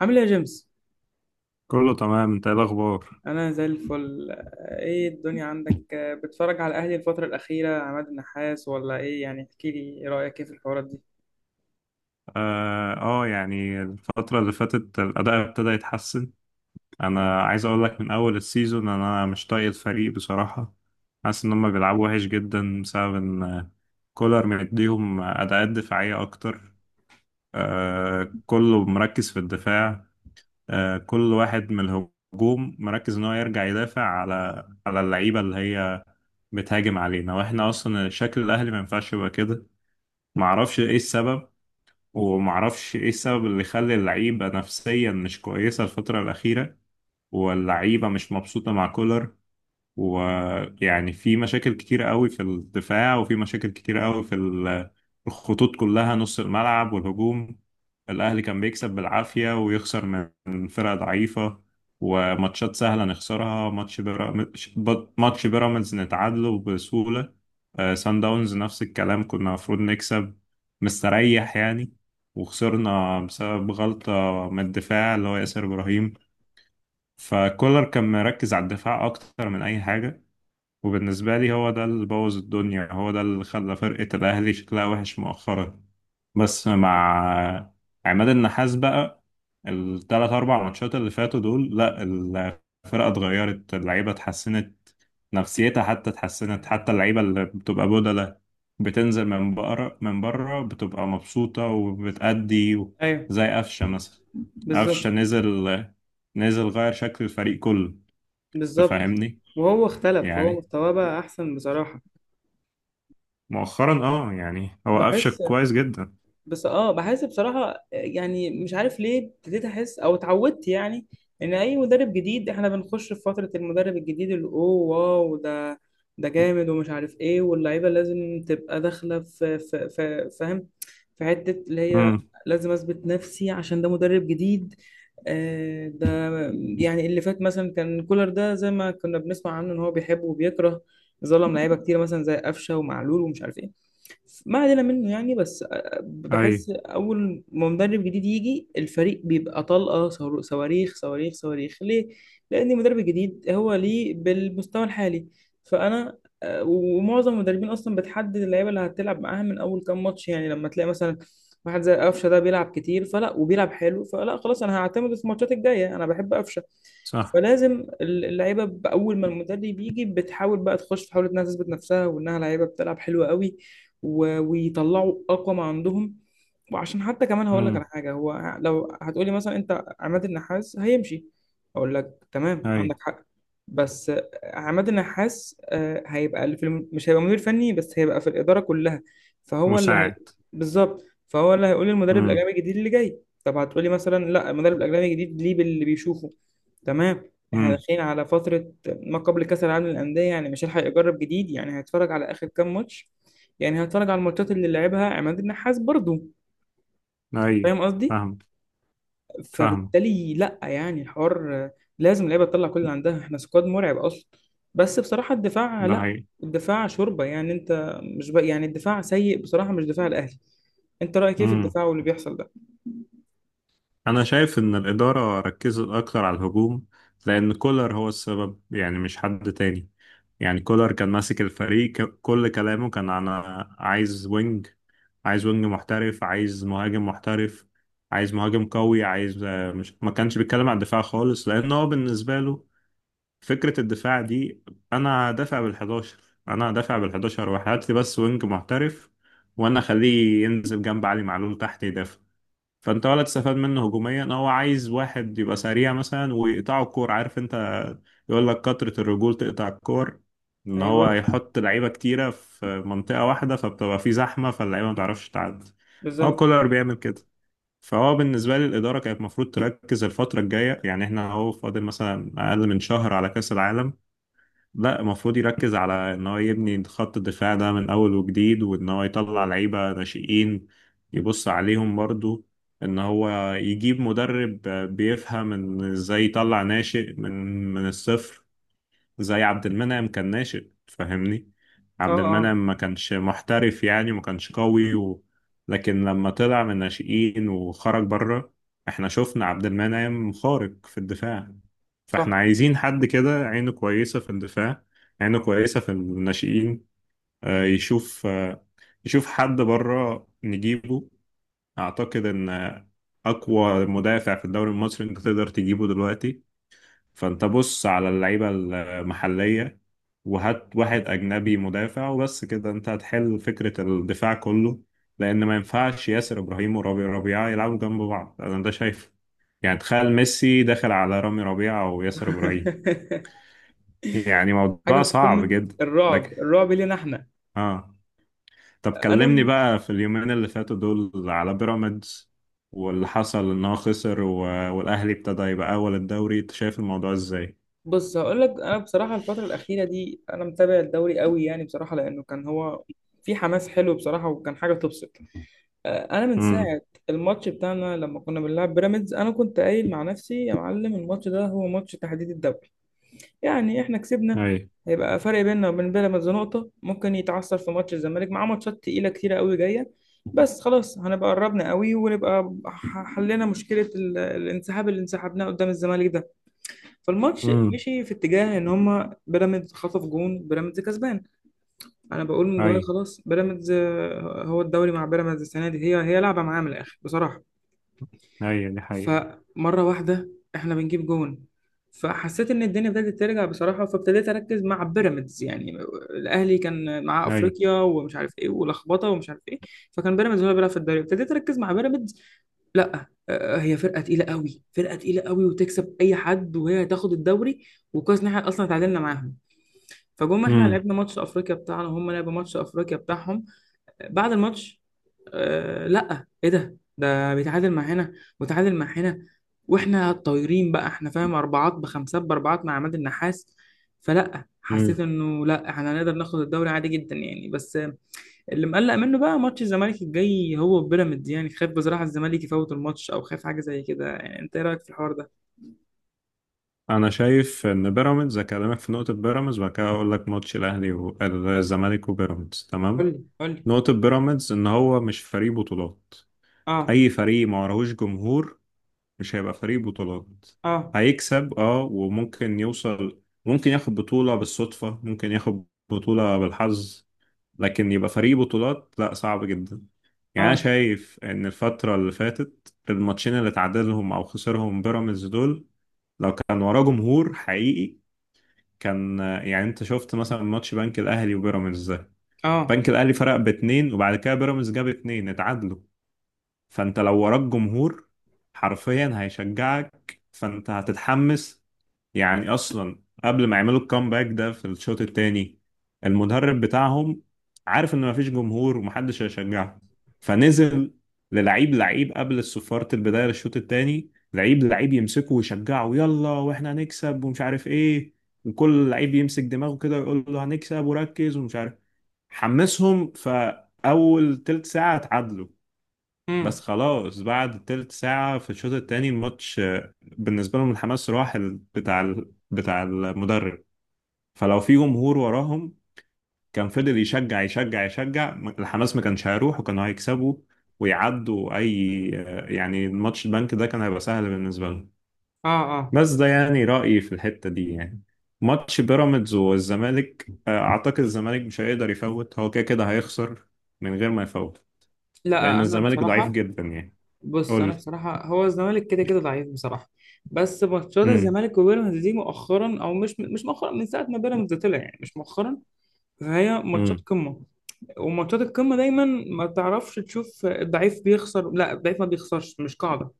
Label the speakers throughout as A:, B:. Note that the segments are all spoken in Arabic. A: عامل ايه يا جيمس؟
B: كله تمام، انت ايه الاخبار؟
A: أنا زي الفل، إيه الدنيا عندك؟ بتتفرج على الأهلي الفترة الأخيرة عماد النحاس ولا إيه يعني؟ احكي لي إيه رأيك إيه في الحوارات دي؟
B: يعني الفتره اللي فاتت الاداء ابتدى يتحسن. انا عايز اقول لك من اول السيزون انا مش طايق الفريق بصراحه. حاسس ان هم بيلعبوا وحش جدا بسبب ان كولر مديهم اداءات دفاعيه اكتر. كله مركز في الدفاع. كل واحد من الهجوم مركز ان هو يرجع يدافع على اللعيبه اللي هي بتهاجم علينا. واحنا اصلا شكل الاهلي ما ينفعش يبقى كده. معرفش ايه السبب ومعرفش ايه السبب اللي خلى اللعيبة نفسيا مش كويسة الفترة الأخيرة. واللعيبة مش مبسوطة مع كولر. ويعني في مشاكل كتيرة قوي في الدفاع، وفي مشاكل كتيرة قوي في الخطوط كلها، نص الملعب والهجوم. الأهلي كان بيكسب بالعافية ويخسر من فرقة ضعيفة. وماتشات سهلة نخسرها. ماتش بيراميدز نتعادله بسهولة. سان داونز نفس الكلام، كنا المفروض نكسب. مستريح يعني، وخسرنا بسبب غلطة من الدفاع اللي هو ياسر إبراهيم. فكولر كان مركز على الدفاع أكتر من أي حاجة. وبالنسبة لي هو ده اللي بوظ الدنيا، هو ده اللي خلى فرقة الأهلي شكلها وحش مؤخرا. بس مع عماد النحاس بقى، التلات أربع ماتشات اللي فاتوا دول، لا، الفرقة اتغيرت، اللعيبة اتحسنت. نفسيتها حتى اتحسنت، حتى اللعيبة اللي بتبقى بدلة بتنزل من بره بتبقى مبسوطة وبتأدي.
A: أيوه،
B: زي قفشة مثلا. قفشة
A: بالظبط.
B: نزل، غير شكل الفريق كله.
A: بالظبط.
B: تفهمني؟
A: وهو اختلف، هو
B: يعني
A: مستواه بقى أحسن بصراحة.
B: مؤخرا هو قفشك
A: بحس.
B: كويس جدا.
A: بس بحس بصراحة، يعني مش عارف ليه ابتديت احس او اتعودت يعني ان اي مدرب جديد احنا بنخش في فترة المدرب الجديد اللي اوه، واو، ده جامد ومش عارف ايه، واللعيبة لازم تبقى داخلة في فاهم، في حتة اللي هي
B: امم.
A: لازم اثبت نفسي عشان ده مدرب جديد. ده يعني اللي فات مثلا كان كولر، ده زي ما كنا بنسمع عنه ان هو بيحب وبيكره، ظلم لعيبة كتير مثلا زي قفشة ومعلول ومش عارف ايه. ما علينا منه يعني. بس
B: اي.
A: بحس اول ما مدرب جديد يجي الفريق بيبقى طلقه، صواريخ صواريخ صواريخ، ليه؟ لان المدرب الجديد هو ليه بالمستوى الحالي، فانا ومعظم المدربين اصلا بتحدد اللعيبه اللي هتلعب معاها من اول كام ماتش. يعني لما تلاقي مثلا واحد زي قفشه ده بيلعب كتير فلا وبيلعب حلو فلا، خلاص انا هعتمد في الماتشات الجايه، انا بحب قفشه.
B: صح.
A: فلازم اللعيبه باول ما المدرب يجي بتحاول بقى تخش، تحاول انها تثبت نفسها وانها لعيبه بتلعب حلوه قوي ويطلعوا اقوى ما عندهم. وعشان حتى كمان هقول لك على
B: امم.
A: حاجه، هو لو هتقولي مثلا انت عماد النحاس هيمشي، اقول لك تمام
B: اي.
A: عندك حق. بس عماد النحاس هيبقى اللي مش هيبقى مدير فني بس، هيبقى في الاداره كلها. فهو اللي هي...
B: مساعد.
A: بالظبط. فهو اللي هيقول للمدرب
B: امم.
A: الاجنبي الجديد اللي جاي. طب هتقولي مثلا لا، المدرب الاجنبي الجديد ليه باللي بيشوفه. تمام، احنا
B: امم.
A: داخلين على فتره ما قبل كاس العالم للانديه، يعني مش هيلحق يجرب جديد. يعني هيتفرج على اخر كام ماتش، يعني هتفرج على الماتشات اللي لعبها عماد النحاس برضو.
B: اي.
A: فاهم قصدي؟
B: فاهم. فاهم.
A: فبالتالي لا يعني، الحوار لازم اللعيبه تطلع كل اللي عندها، احنا سكواد مرعب اصلا. بس بصراحه الدفاع
B: ده
A: لا،
B: حقيقي.
A: الدفاع شوربه يعني. انت مش يعني الدفاع سيء بصراحه، مش دفاع الاهلي. انت رايك ايه في
B: امم.
A: الدفاع واللي بيحصل ده؟
B: انا شايف ان الاداره ركزت اكتر على الهجوم، لان كولر هو السبب، يعني مش حد تاني. يعني كولر كان ماسك الفريق، كل كلامه كان: انا عايز وينج عايز وينج محترف، عايز مهاجم محترف، عايز مهاجم قوي، عايز مش، ما كانش بيتكلم على الدفاع خالص، لان هو بالنسبه له فكرة الدفاع دي: أنا دافع بالحداشر أنا دافع بالحداشر وهات لي بس وينج محترف، وأنا أخليه ينزل جنب علي معلول تحت يدافع. فأنت ولا تستفاد منه هجوميا. هو عايز واحد يبقى سريع مثلا ويقطعه الكور، عارف أنت؟ يقول لك كترة الرجول تقطع الكور، إن
A: ايوه.
B: هو يحط لعيبة كتيرة في منطقة واحدة فبتبقى في زحمة فاللعيبة ما تعرفش تعدي. هو
A: بالظبط.
B: كولر بيعمل كده. فهو بالنسبة لي الإدارة كانت المفروض تركز الفترة الجاية، يعني إحنا أهو فاضل مثلا أقل من شهر على كأس العالم. لا، المفروض يركز على ان هو يبني خط الدفاع ده من اول وجديد، وان هو يطلع لعيبه ناشئين، يبص عليهم برضو. ان هو يجيب مدرب بيفهم ان ازاي يطلع ناشئ من الصفر. زي عبد المنعم كان ناشئ، فاهمني؟
A: اه،
B: عبد
A: اه،
B: المنعم ما كانش محترف، يعني ما كانش قوي و... لكن لما طلع من الناشئين وخرج بره، احنا شفنا عبد المنعم خارق في الدفاع.
A: صح.
B: فاحنا عايزين حد كده عينه كويسة في الدفاع، عينه كويسة في الناشئين. آه، يشوف آه، يشوف حد بره نجيبه. اعتقد ان اقوى مدافع في الدوري المصري انت تقدر تجيبه دلوقتي. فانت بص على اللعيبة المحلية، وهات واحد أجنبي مدافع وبس كده انت هتحل فكرة الدفاع كله. لأن ما ينفعش ياسر إبراهيم ورامي ربيعة يلعبوا جنب بعض، أنا ده شايفه. يعني تخيل ميسي داخل على رامي ربيعة أو ياسر إبراهيم. يعني
A: حاجه
B: موضوع
A: في
B: صعب
A: قمه
B: جدا.
A: الرعب،
B: لك.
A: الرعب لينا احنا.
B: اه. طب
A: انا
B: كلمني
A: من
B: بقى في اليومين اللي فاتوا دول على بيراميدز، واللي حصل إن هو خسر و... والأهلي ابتدى يبقى أول الدوري، أنت شايف الموضوع إزاي؟
A: بص، هقول لك انا بصراحه الفتره الاخيره دي انا متابع الدوري قوي يعني بصراحه، لانه كان هو في حماس حلو بصراحه وكان حاجه تبسط. انا من
B: امم.
A: ساعه الماتش بتاعنا لما كنا بنلعب بيراميدز، انا كنت قايل مع نفسي يا معلم، الماتش ده هو ماتش تحديد الدوري. يعني احنا كسبنا، هيبقى فرق بيننا وبين بيراميدز نقطه، ممكن يتعثر في ماتش الزمالك، معاه ماتشات تقيله كتيره قوي جايه، بس خلاص هنبقى قربنا قوي ونبقى حلينا مشكله الانسحاب اللي انسحبناه قدام الزمالك ده. فالماتش
B: اي.
A: مشي في اتجاه ان هما بيراميدز خطف جون، بيراميدز كسبان. انا بقول من جوايا
B: اي.
A: خلاص بيراميدز، هو الدوري مع بيراميدز السنه دي هي لعبه معاه من الاخر بصراحه.
B: اي، دي حقيقة.
A: فمره واحده احنا بنجيب جون، فحسيت ان الدنيا بدات ترجع بصراحه، فابتديت اركز مع بيراميدز يعني. الاهلي كان معاه
B: اي.
A: افريقيا ومش عارف ايه ولخبطه ومش عارف ايه، فكان بيراميدز هو اللي بيلعب في الدوري، ابتديت اركز مع بيراميدز. لا هي فرقه تقيله قوي، فرقه تقيله قوي وتكسب اي حد وهي هتاخد الدوري، وكويس ان احنا اصلا اتعادلنا معاهم. فجم احنا
B: امم.
A: لعبنا ماتش افريقيا بتاعنا، هم لعبوا ماتش افريقيا بتاعهم، بعد الماتش آه لا ايه ده، ده بيتعادل مع هنا وتعادل مع هنا، واحنا طايرين بقى، احنا فاهم اربعات بخمسات باربعات مع عماد النحاس. فلا حسيت
B: امم.
A: انه لا، احنا هنقدر ناخد الدوري عادي جدا يعني. بس اللي مقلق منه بقى ماتش الزمالك الجاي هو بيراميدز، يعني خايف بصراحة الزمالك يفوت الماتش أو خايف حاجة زي كده يعني. أنت إيه رأيك في الحوار ده؟
B: انا شايف ان بيراميدز اكلمك في نقطة بيراميدز وبعد كده اقول لك ماتش الاهلي والزمالك وبيراميدز،
A: قول
B: تمام؟
A: لي، قول لي.
B: نقطة بيراميدز ان هو مش فريق بطولات.
A: آه.
B: اي فريق ما وراهوش جمهور مش هيبقى فريق بطولات.
A: آه.
B: هيكسب، وممكن يوصل، ممكن ياخد بطولة بالصدفة، ممكن ياخد بطولة بالحظ، لكن يبقى فريق بطولات، لا، صعب جدا. يعني انا
A: آه.
B: شايف ان الفتره اللي فاتت الماتشين اللي تعادلهم او خسرهم بيراميدز دول، لو كان وراه جمهور حقيقي، كان يعني انت شفت مثلا ماتش بنك الاهلي وبيراميدز ده.
A: آه.
B: بنك الاهلي فرق باتنين وبعد كده بيراميدز جاب اتنين، اتعادلوا. فانت لو وراك جمهور حرفيا هيشجعك، فانت هتتحمس. يعني اصلا قبل ما يعملوا الكامباك ده في الشوط الثاني، المدرب بتاعهم عارف ان مفيش جمهور ومحدش هيشجعهم، فنزل للعيب لعيب قبل صفارة البداية للشوط الثاني، لعيب لعيب يمسكه ويشجعه، يلا واحنا هنكسب ومش عارف ايه، وكل لعيب يمسك دماغه كده ويقول له هنكسب وركز ومش عارف. حمسهم فأول تلت ساعة اتعادلوا. بس
A: امم.
B: خلاص بعد تلت ساعة في الشوط الثاني الماتش بالنسبة لهم الحماس راح بتاع المدرب. فلو في جمهور وراهم كان فضل يشجع يشجع يشجع، الحماس ما كانش هيروح وكانوا هيكسبوا ويعدوا أي. يعني الماتش البنك ده كان هيبقى سهل بالنسبة لهم.
A: آه. آه.
B: بس ده يعني رأيي في الحتة دي يعني. ماتش بيراميدز والزمالك، أعتقد الزمالك مش هيقدر يفوت، هو كده كده هيخسر من غير ما يفوت.
A: لا،
B: لأن
A: أنا
B: الزمالك ضعيف
A: بصراحة.
B: جدا يعني.
A: بص، أنا
B: قول.
A: بصراحة هو الزمالك كده كده ضعيف بصراحة. بس ماتشات
B: امم.
A: الزمالك وبيراميدز دي مؤخرا أو مش مؤخرا، من ساعة ما بيراميدز طلع يعني مش مؤخرا، فهي ماتشات
B: امم.
A: قمة، وماتشات القمة دايما ما تعرفش تشوف الضعيف بيخسر، لا الضعيف ما بيخسرش، مش قاعدة.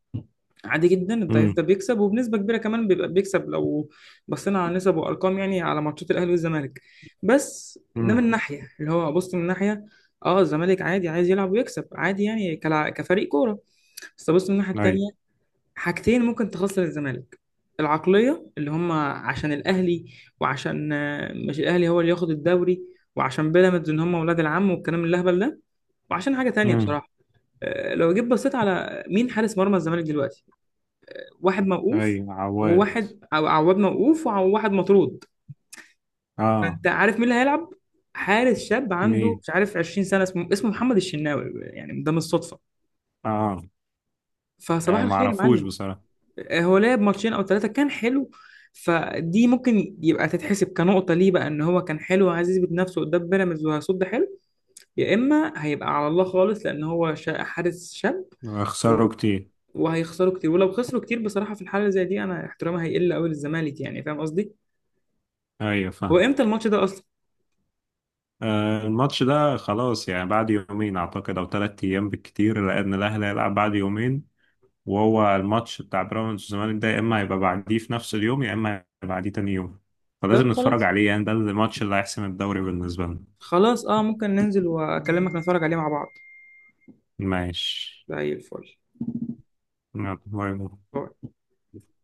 A: عادي جدا الضعيف
B: امم.
A: ده بيكسب، وبنسبه كبيره كمان بيبقى بيكسب لو بصينا على نسب وارقام يعني على ماتشات الاهلي والزمالك. بس ده من
B: امم.
A: ناحيه اللي هو، بص من ناحيه اه الزمالك عادي عايز يلعب ويكسب عادي يعني كفريق كوره. بس بص من الناحيه
B: اي.
A: التانيه، حاجتين ممكن تخسر الزمالك. العقليه اللي هم عشان الاهلي، وعشان مش الاهلي هو اللي ياخد الدوري، وعشان بيراميدز ان هم ولاد العم والكلام الاهبل ده، وعشان حاجه تانيه
B: امم.
A: بصراحه. لو جيت بصيت على مين حارس مرمى الزمالك دلوقتي، واحد موقوف،
B: اي، عواد.
A: وواحد أو عواد موقوف، وواحد مطرود.
B: اه.
A: فأنت عارف مين اللي هيلعب؟ حارس شاب عنده
B: مين؟
A: مش عارف 20 سنة، اسمه محمد الشناوي، يعني ده مش صدفة.
B: اه
A: فصباح الخير يا
B: معرفوش
A: معلم.
B: بصراحة.
A: هو لعب ماتشين أو 3 كان حلو. فدي ممكن يبقى تتحسب كنقطة ليه بقى، إن هو كان حلو وعايز يثبت نفسه قدام بيراميدز وهيصد حلو. يا إما هيبقى على الله خالص، لأن هو حارس شاب و...
B: خسروا كتير.
A: وهيخسروا كتير، ولو خسروا كتير بصراحة في الحالة زي دي أنا احترامي هيقل أوي للزمالك يعني. فاهم قصدي؟
B: ايوه،
A: هو
B: فاهم.
A: امتى الماتش ده اصلا؟
B: الماتش ده خلاص يعني بعد يومين اعتقد او 3 ايام بالكتير، لان الاهلي هيلعب بعد يومين. وهو الماتش بتاع بيراميدز والزمالك ده يا اما هيبقى بعديه في نفس اليوم يا اما هيبقى بعديه تاني يوم.
A: طب
B: فلازم نتفرج
A: خلاص.
B: عليه، يعني ده الماتش اللي هيحسم الدوري بالنسبة لنا.
A: خلاص اه، ممكن ننزل واكلمك نتفرج عليه مع بعض.
B: ماشي.
A: زي الفل.
B: يلا، باي باي.